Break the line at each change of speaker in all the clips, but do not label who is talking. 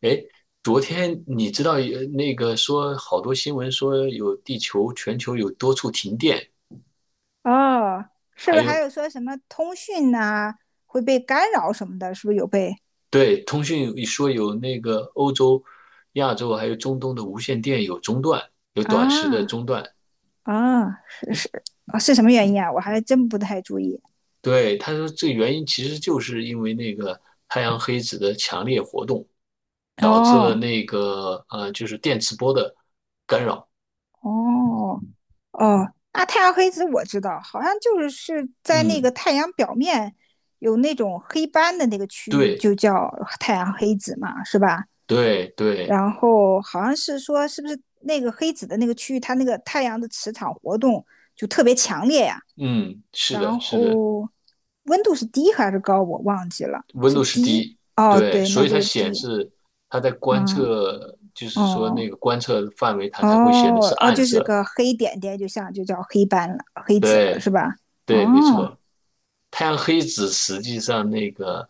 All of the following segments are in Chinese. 诶，昨天你知道有那个说好多新闻说有地球全球有多处停电，
哦，是
还
不是还
有
有说什么通讯呐、会被干扰什么的？是不是有被
对通讯说有那个欧洲、亚洲还有中东的无线电有中断，有短时的
啊
中断。
啊？是是啊，是什么原因啊？我还真不太注意。
对，他说这原因其实就是因为那个太阳黑子的强烈活动，导致了
哦
那个就是电磁波的干扰。
哦哦，那太阳黑子我知道，好像就是在那个
嗯，
太阳表面有那种黑斑的那个区域，
对
就叫太阳黑子嘛，是吧？
对对，
然后好像是说，是不是那个黑子的那个区域，它那个太阳的磁场活动就特别强烈呀、
嗯，是的，
然
是的。
后温度是低还是高？我忘记了，
温
是
度是
低。
低，
哦，
对，
对，
所
那
以
就
它
是
显
低。
示它在观
嗯，
测，就是说那
哦，
个观测范围，它才会显得
哦，
是
哦，
暗
就是
色。
个黑点点，就像就叫黑斑了，黑子了，
对，
是吧？
对，没
哦，
错。太阳黑子实际上那个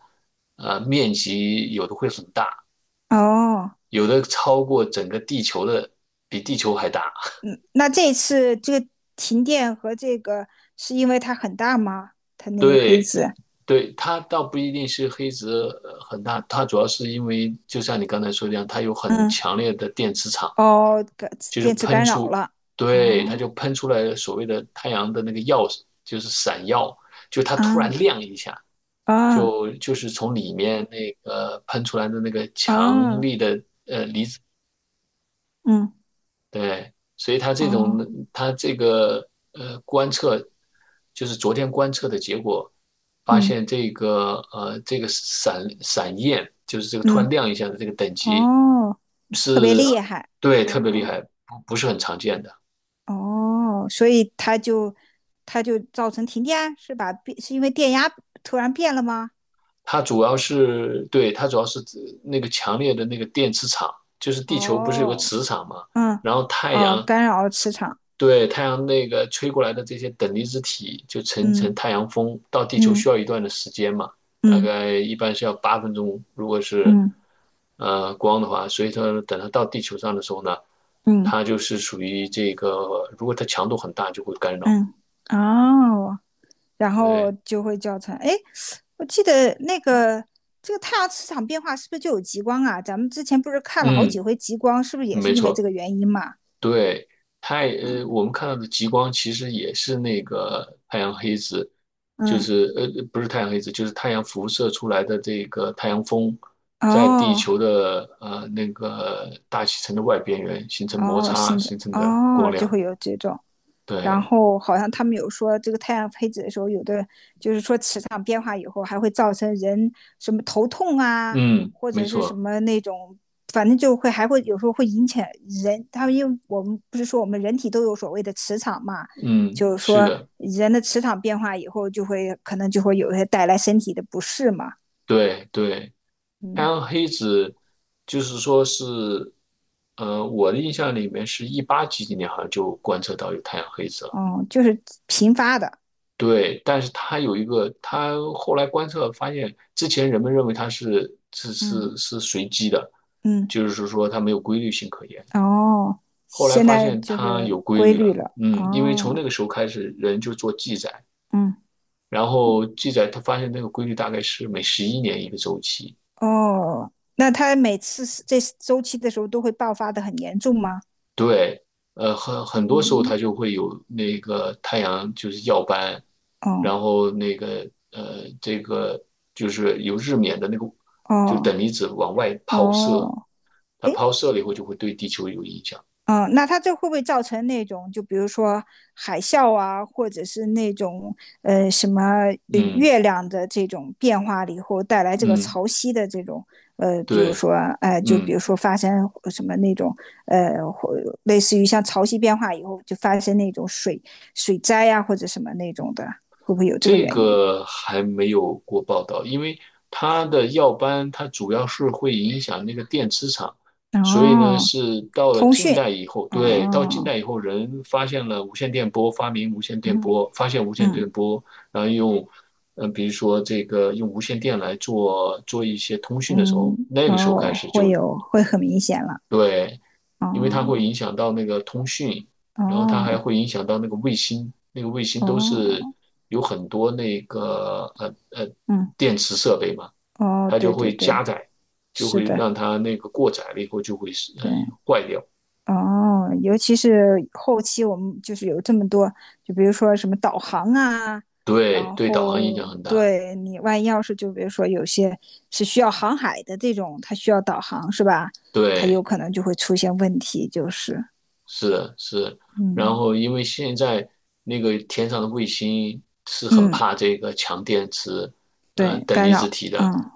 面积有的会很大，
哦，
有的超过整个地球的，比地球还大。
那这次这个停电和这个是因为它很大吗？它那个黑
对，
子，
对，它倒不一定是黑子很大，它主要是因为就像你刚才说的一样，它有很
嗯，
强烈的电磁场。
哦，干
就是
电池
喷
干扰
出，
了。
对，它就
哦，
喷出来了所谓的太阳的那个耀，就是闪耀，就它突然
啊
亮一下，
啊
就是从里面那个喷出来的那个强
啊，
力的，
嗯，
对，所以它这种
哦，
它这个观测，就是昨天观测的结果，发
嗯
现这个闪闪焰，就是这个突然
嗯，
亮一下的这个等级
哦。特别
是，
厉害。
对，特别厉
哦
害，不是很常见的。
哦，所以它就造成停电，是吧？变是因为电压突然变了吗？
它主要是指那个强烈的那个电磁场，就是地球不是有个
哦，
磁场嘛，
嗯，
然后太
哦，
阳
干扰了磁场。
对太阳那个吹过来的这些等离子体就层层
嗯
太阳风到地球需
嗯
要一段的时间嘛，大
嗯
概一般是要8分钟，如果是
嗯
光的话，所以说等它到地球上的时候呢，
嗯
它就是属于这个，如果它强度很大就会干扰。
嗯，哦，然后
对，
就会造成。哎，我记得那个这个太阳磁场变化是不是就有极光啊？咱们之前不是看了好几
嗯，
回极光，是不是也是
没
因为这
错。
个原因嘛？
对，太，
嗯
我们看到的极光其实也是那个太阳黑子，就
嗯，
是不是太阳黑子，就是太阳辐射出来的这个太阳风，在地
哦
球的那个大气层的外边缘形成摩
哦，
擦
新疆
形成的光
哦，就
亮。
会有这种。然
对，
后好像他们有说，这个太阳黑子的时候，有的就是说磁场变化以后，还会造成人什么头痛啊，
嗯，
或
没
者是什
错，
么那种，反正就会还会有时候会引起人。他们因为我们不是说我们人体都有所谓的磁场嘛，
嗯，
就是
是
说
的，
人的磁场变化以后，就会可能就会有一些带来身体的不适嘛。
对对，太
嗯，
阳黑子就是说是，我的印象里面是一八几几年好像就观测到有太阳黑子了。
哦，就是频发的。
对，但是他有一个，他后来观测发现，之前人们认为它是是是
嗯
是随机的，
嗯。
就是说它没有规律性可言。
哦，
后来
现
发
在
现
就
它
是
有规
规
律
律
了，
了。
嗯，因为从那
哦，
个时候开始，人就做记载，
嗯，
然后记载他发现那个规律大概是每11年一个周期，
哦，那他每次是这周期的时候都会爆发的很严重吗？
对，很很多时候
嗯，
它就会有那个太阳就是耀斑，然
哦，
后那个这个就是有日冕的那个，就等
哦，
离子往外抛射，
哦，
它
诶，
抛射了以后就会对地球有影响。
嗯，那它这会不会造成那种，就比如说海啸啊，或者是那种什么
嗯
月亮的这种变化了以后带来这个
嗯，
潮汐的这种比如
对，
说就比
嗯。
如说发生什么那种或类似于像潮汐变化以后就发生那种水灾呀、或者什么那种的，会不会有这个
这
原因？
个还没有过报道，因为它的耀斑它主要是会影响那个电磁场，所以呢
哦，
是到了
通
近
讯，
代以后，对，到近
哦，
代以后人发现了无线电波，发明无线电
嗯
波，发现无线电
嗯
波，然后用，嗯、比如说这个用无线电来做做一些通讯的时候，
嗯，
那个时候开
哦，
始
会
就
有会很明显了，
对因为它会
哦。
影响到那个通讯，然后它
哦
还会影响到那个卫星，那个卫星都是
哦，
有很多那个
嗯，
电池设备嘛，
哦，
它就
对对
会
对，
加载，就
是
会
的，
让它那个过载了以后就会是
对，
坏掉，
哦，尤其是后期我们就是有这么多，就比如说什么导航啊，
对
然
对，导航影响
后
很大，
对你万一要是就比如说有些是需要航海的这种，它需要导航是吧？它
对，
有可能就会出现问题，就是，
是的是然
嗯
后因为现在那个天上的卫星是很
嗯，
怕这个强电池，
对，
等
干
离子
扰，
体的。
嗯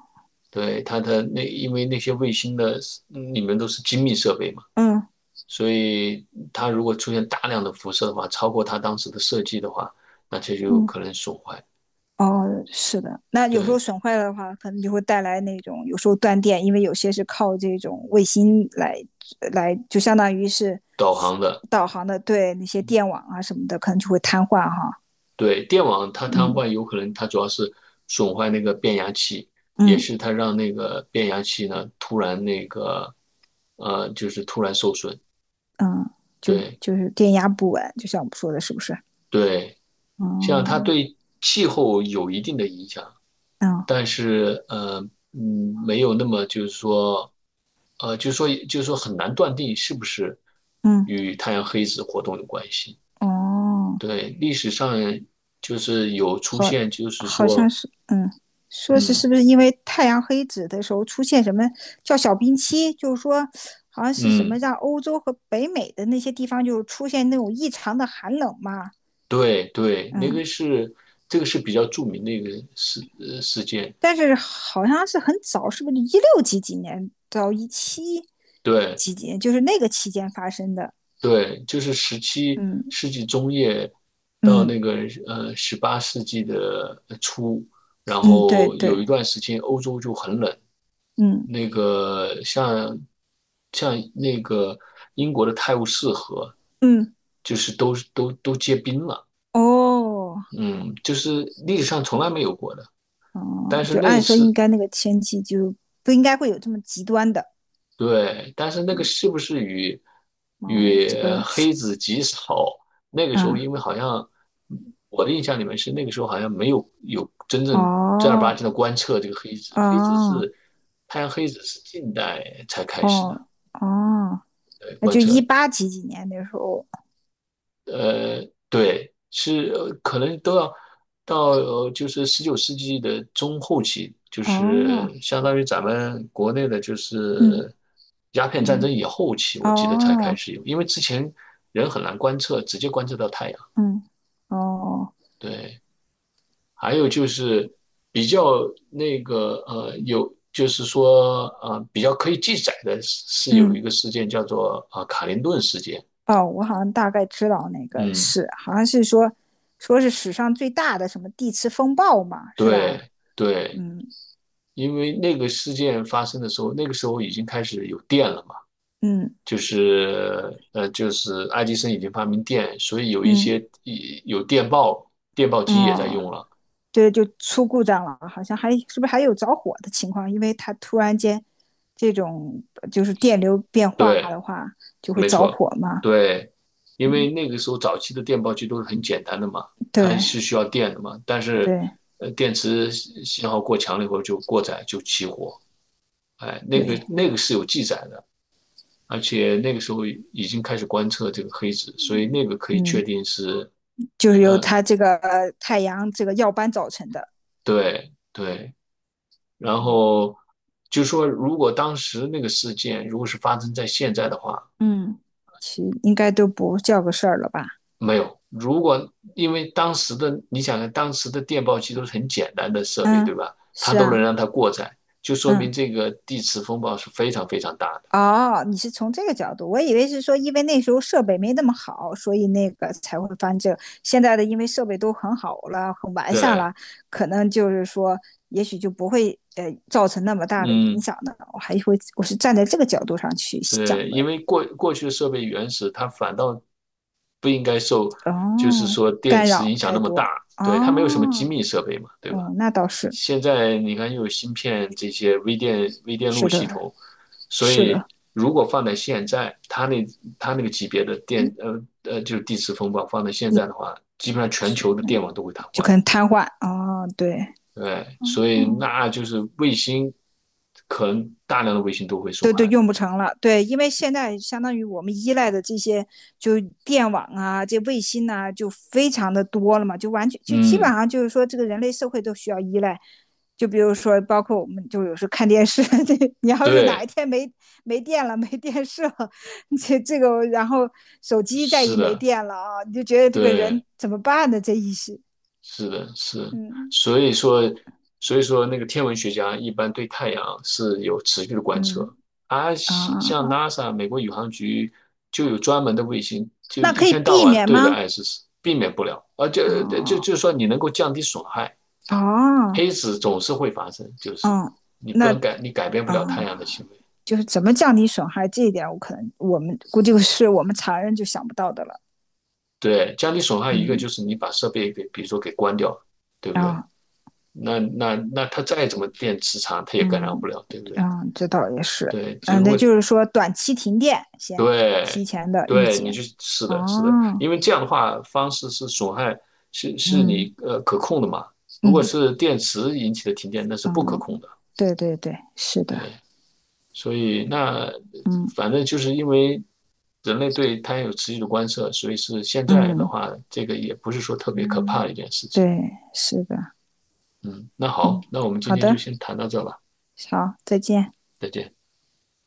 对，它的那，因为那些卫星的嗯里面都是精密设备嘛，
嗯
所以它如果出现大量的辐射的话，超过它当时的设计的话，那这就有
嗯。
可能损坏。
哦，是的，那有时候
对，
损坏了的话，可能就会带来那种有时候断电，因为有些是靠这种卫星来就相当于是
导航的，
导航的，对那些电网啊什么的，可能就会瘫痪哈。
对，电网它瘫痪，
嗯
有可能它主要是损坏那个变压器，也
嗯
是它让那个变压器呢突然那个，就是突然受损。
嗯，就
对
就是电压不稳，就像我们说的，是不是？
对。像它
哦，
对气候有一定的影响，
嗯
但是没有那么就是说，就是说很难断定是不是
嗯
与太阳黑子活动有关系。
哦。
对，历史上就是有出
好，
现，就是
好像
说，
是，嗯，说是
嗯
是不是因为太阳黑子的时候出现什么叫小冰期，就是说好像是什么
嗯，
让欧洲和北美的那些地方就出现那种异常的寒冷嘛，
对对，那个
嗯，
是这个是比较著名的一个事事件。
但是好像是很早，是不是一六几几年到一七
对，
几几年，就是那个期间发生的，
对，就是十七
嗯
世纪中叶到
嗯
那个18世纪的初，然
嗯，对
后
对，
有一段时间欧洲就很冷，
嗯
那个像像那个英国的泰晤士河，
嗯，
就是都都都结冰了，
哦
嗯，就是历史上从来没有过的。
哦，
但是
就
那一
按说应
次
该那个天气就不应该会有这么极端的。
对，但是那个是不是与
哦，
与
这个，
黑子极少？那个时候，
嗯，
因为好像我的印象里面是那个时候好像没有有真正正儿八
哦，
经的观测这个黑子，黑子
哦，
是太阳黑子是近代才开始的，
哦，哦，
对，
那
观
就
测
一八几几年那时候，
呃，对，是可能都要到就是19世纪的中后期，就
哦，
是相当于咱们国内的，就
嗯，
是鸦片战
嗯，
争以后期，我记得才开
哦，
始有，因为之前人很难观测，直接观测到太阳。
嗯，哦，
对，还有就是比较那个有就是说比较可以记载的是是有一
嗯，
个事件叫做啊、卡林顿事件。
哦，我好像大概知道那个
嗯，
是，好像是说，说是史上最大的什么地磁风暴嘛，是吧？
对对。
嗯，
因为那个事件发生的时候，那个时候已经开始有电了嘛，
嗯，
就是就是爱迪生已经发明电，所以有一
嗯，
些有电报，电报
嗯
机也在
哦。
用了。
对，就出故障了，好像还是不是还有着火的情况？因为它突然间这种就是电流变化
对，
的话，就会
没
着
错，
火嘛。
对，因为那个时候早期的电报机都是很简单的嘛，它是
对
需要电的嘛，但是
对
电池信号过强了以后就过载就起火，哎，那个
对，
那个是有记载的。而且那个时候已经开始观测这个黑子，所以那个可以确
嗯，
定是
就是由
呃，
它这个太阳这个耀斑造成的。
对对，然后就说，如果当时那个事件如果是发生在现在的话，
嗯，其应该都不叫个事儿了吧？
没有。如果因为当时的，你想想，当时的电报机都是很简单的设备，对
嗯，
吧？它
是
都能
啊，
让它过载，就说明
嗯。
这个地磁风暴是非常非常大的。
哦，你是从这个角度，我以为是说，因为那时候设备没那么好，所以那个才会翻这个现在的因为设备都很好了，很完善
对，
了，可能就是说，也许就不会造成那么大的影
嗯，
响的。我还会，我是站在这个角度上去
对，
想
因
的。
为过去的设备原始，它反倒不应该受，就是
哦，
说电
干
磁
扰
影响
太
那么大。
多。
对，它没有什么机
哦，
密设备嘛，对吧？
哦，那倒是，
现在你看又有芯片这些微电路
是
系
的，
统，所
是
以
的，
如果放在现在，它那它那个级别的电就是地磁风暴放在现
一
在的话，基本上全
直，
球的电网都会瘫
就
痪。
可能瘫痪。哦，对，
对，所以
嗯。
那就是卫星，可能大量的卫星都会损
都
害。
用不成了。对，因为现在相当于我们依赖的这些，就电网啊，这卫星呐、啊就非常的多了嘛，就完全就基本
嗯，
上就是说，这个人类社会都需要依赖。就比如说，包括我们就有时候看电视，这你要是哪一
对，
天没电了，没电视了，这个，然后手机再
是
一没
的，
电了啊，你就觉得这个
对。
人怎么办呢？这意思，
是的，是，
嗯
所以说，所以说那个天文学家一般对太阳是有持续的观
嗯
测，而
啊，
像像 NASA 美国宇航局就有专门的卫星，就
那
一
可以
天到
避
晚
免
对着
吗？
爱是避免不了，啊，且就就
哦
就说你能够降低损害，
哦
黑子总是会发生，就是
哦，
你不
那
能改，你改变不
啊，
了太阳的
嗯
行为。
就是怎么降低损害这一点，我可能我们估计是我们常人就想不到的了。
对，降低损害一个
嗯
就是你把设备给，比如说给关掉，对不对？
啊
那那那它再怎么电磁场，它也干扰
嗯
不了，对不对？
啊，嗯这倒也是。
对，只
嗯，
不
那
过
就是说短期停电先
对，
提前的预
对，你
警。
就是的，是的，
哦，
因为这样的话，方式是损害，是是
嗯
你可控的嘛。如果
嗯
是电池引起的停电，那是不可控
嗯，
的。
对对对，是的，
对，所以那反
嗯
正就是因为人类对碳有持续的观测，所以是现在的
嗯
话，这个也不是说特别可怕
嗯，
的一件事情。
对，是的，
嗯，那好，
嗯，
那我们今
好
天就
的，
先谈到这吧，
好，再见。
再见。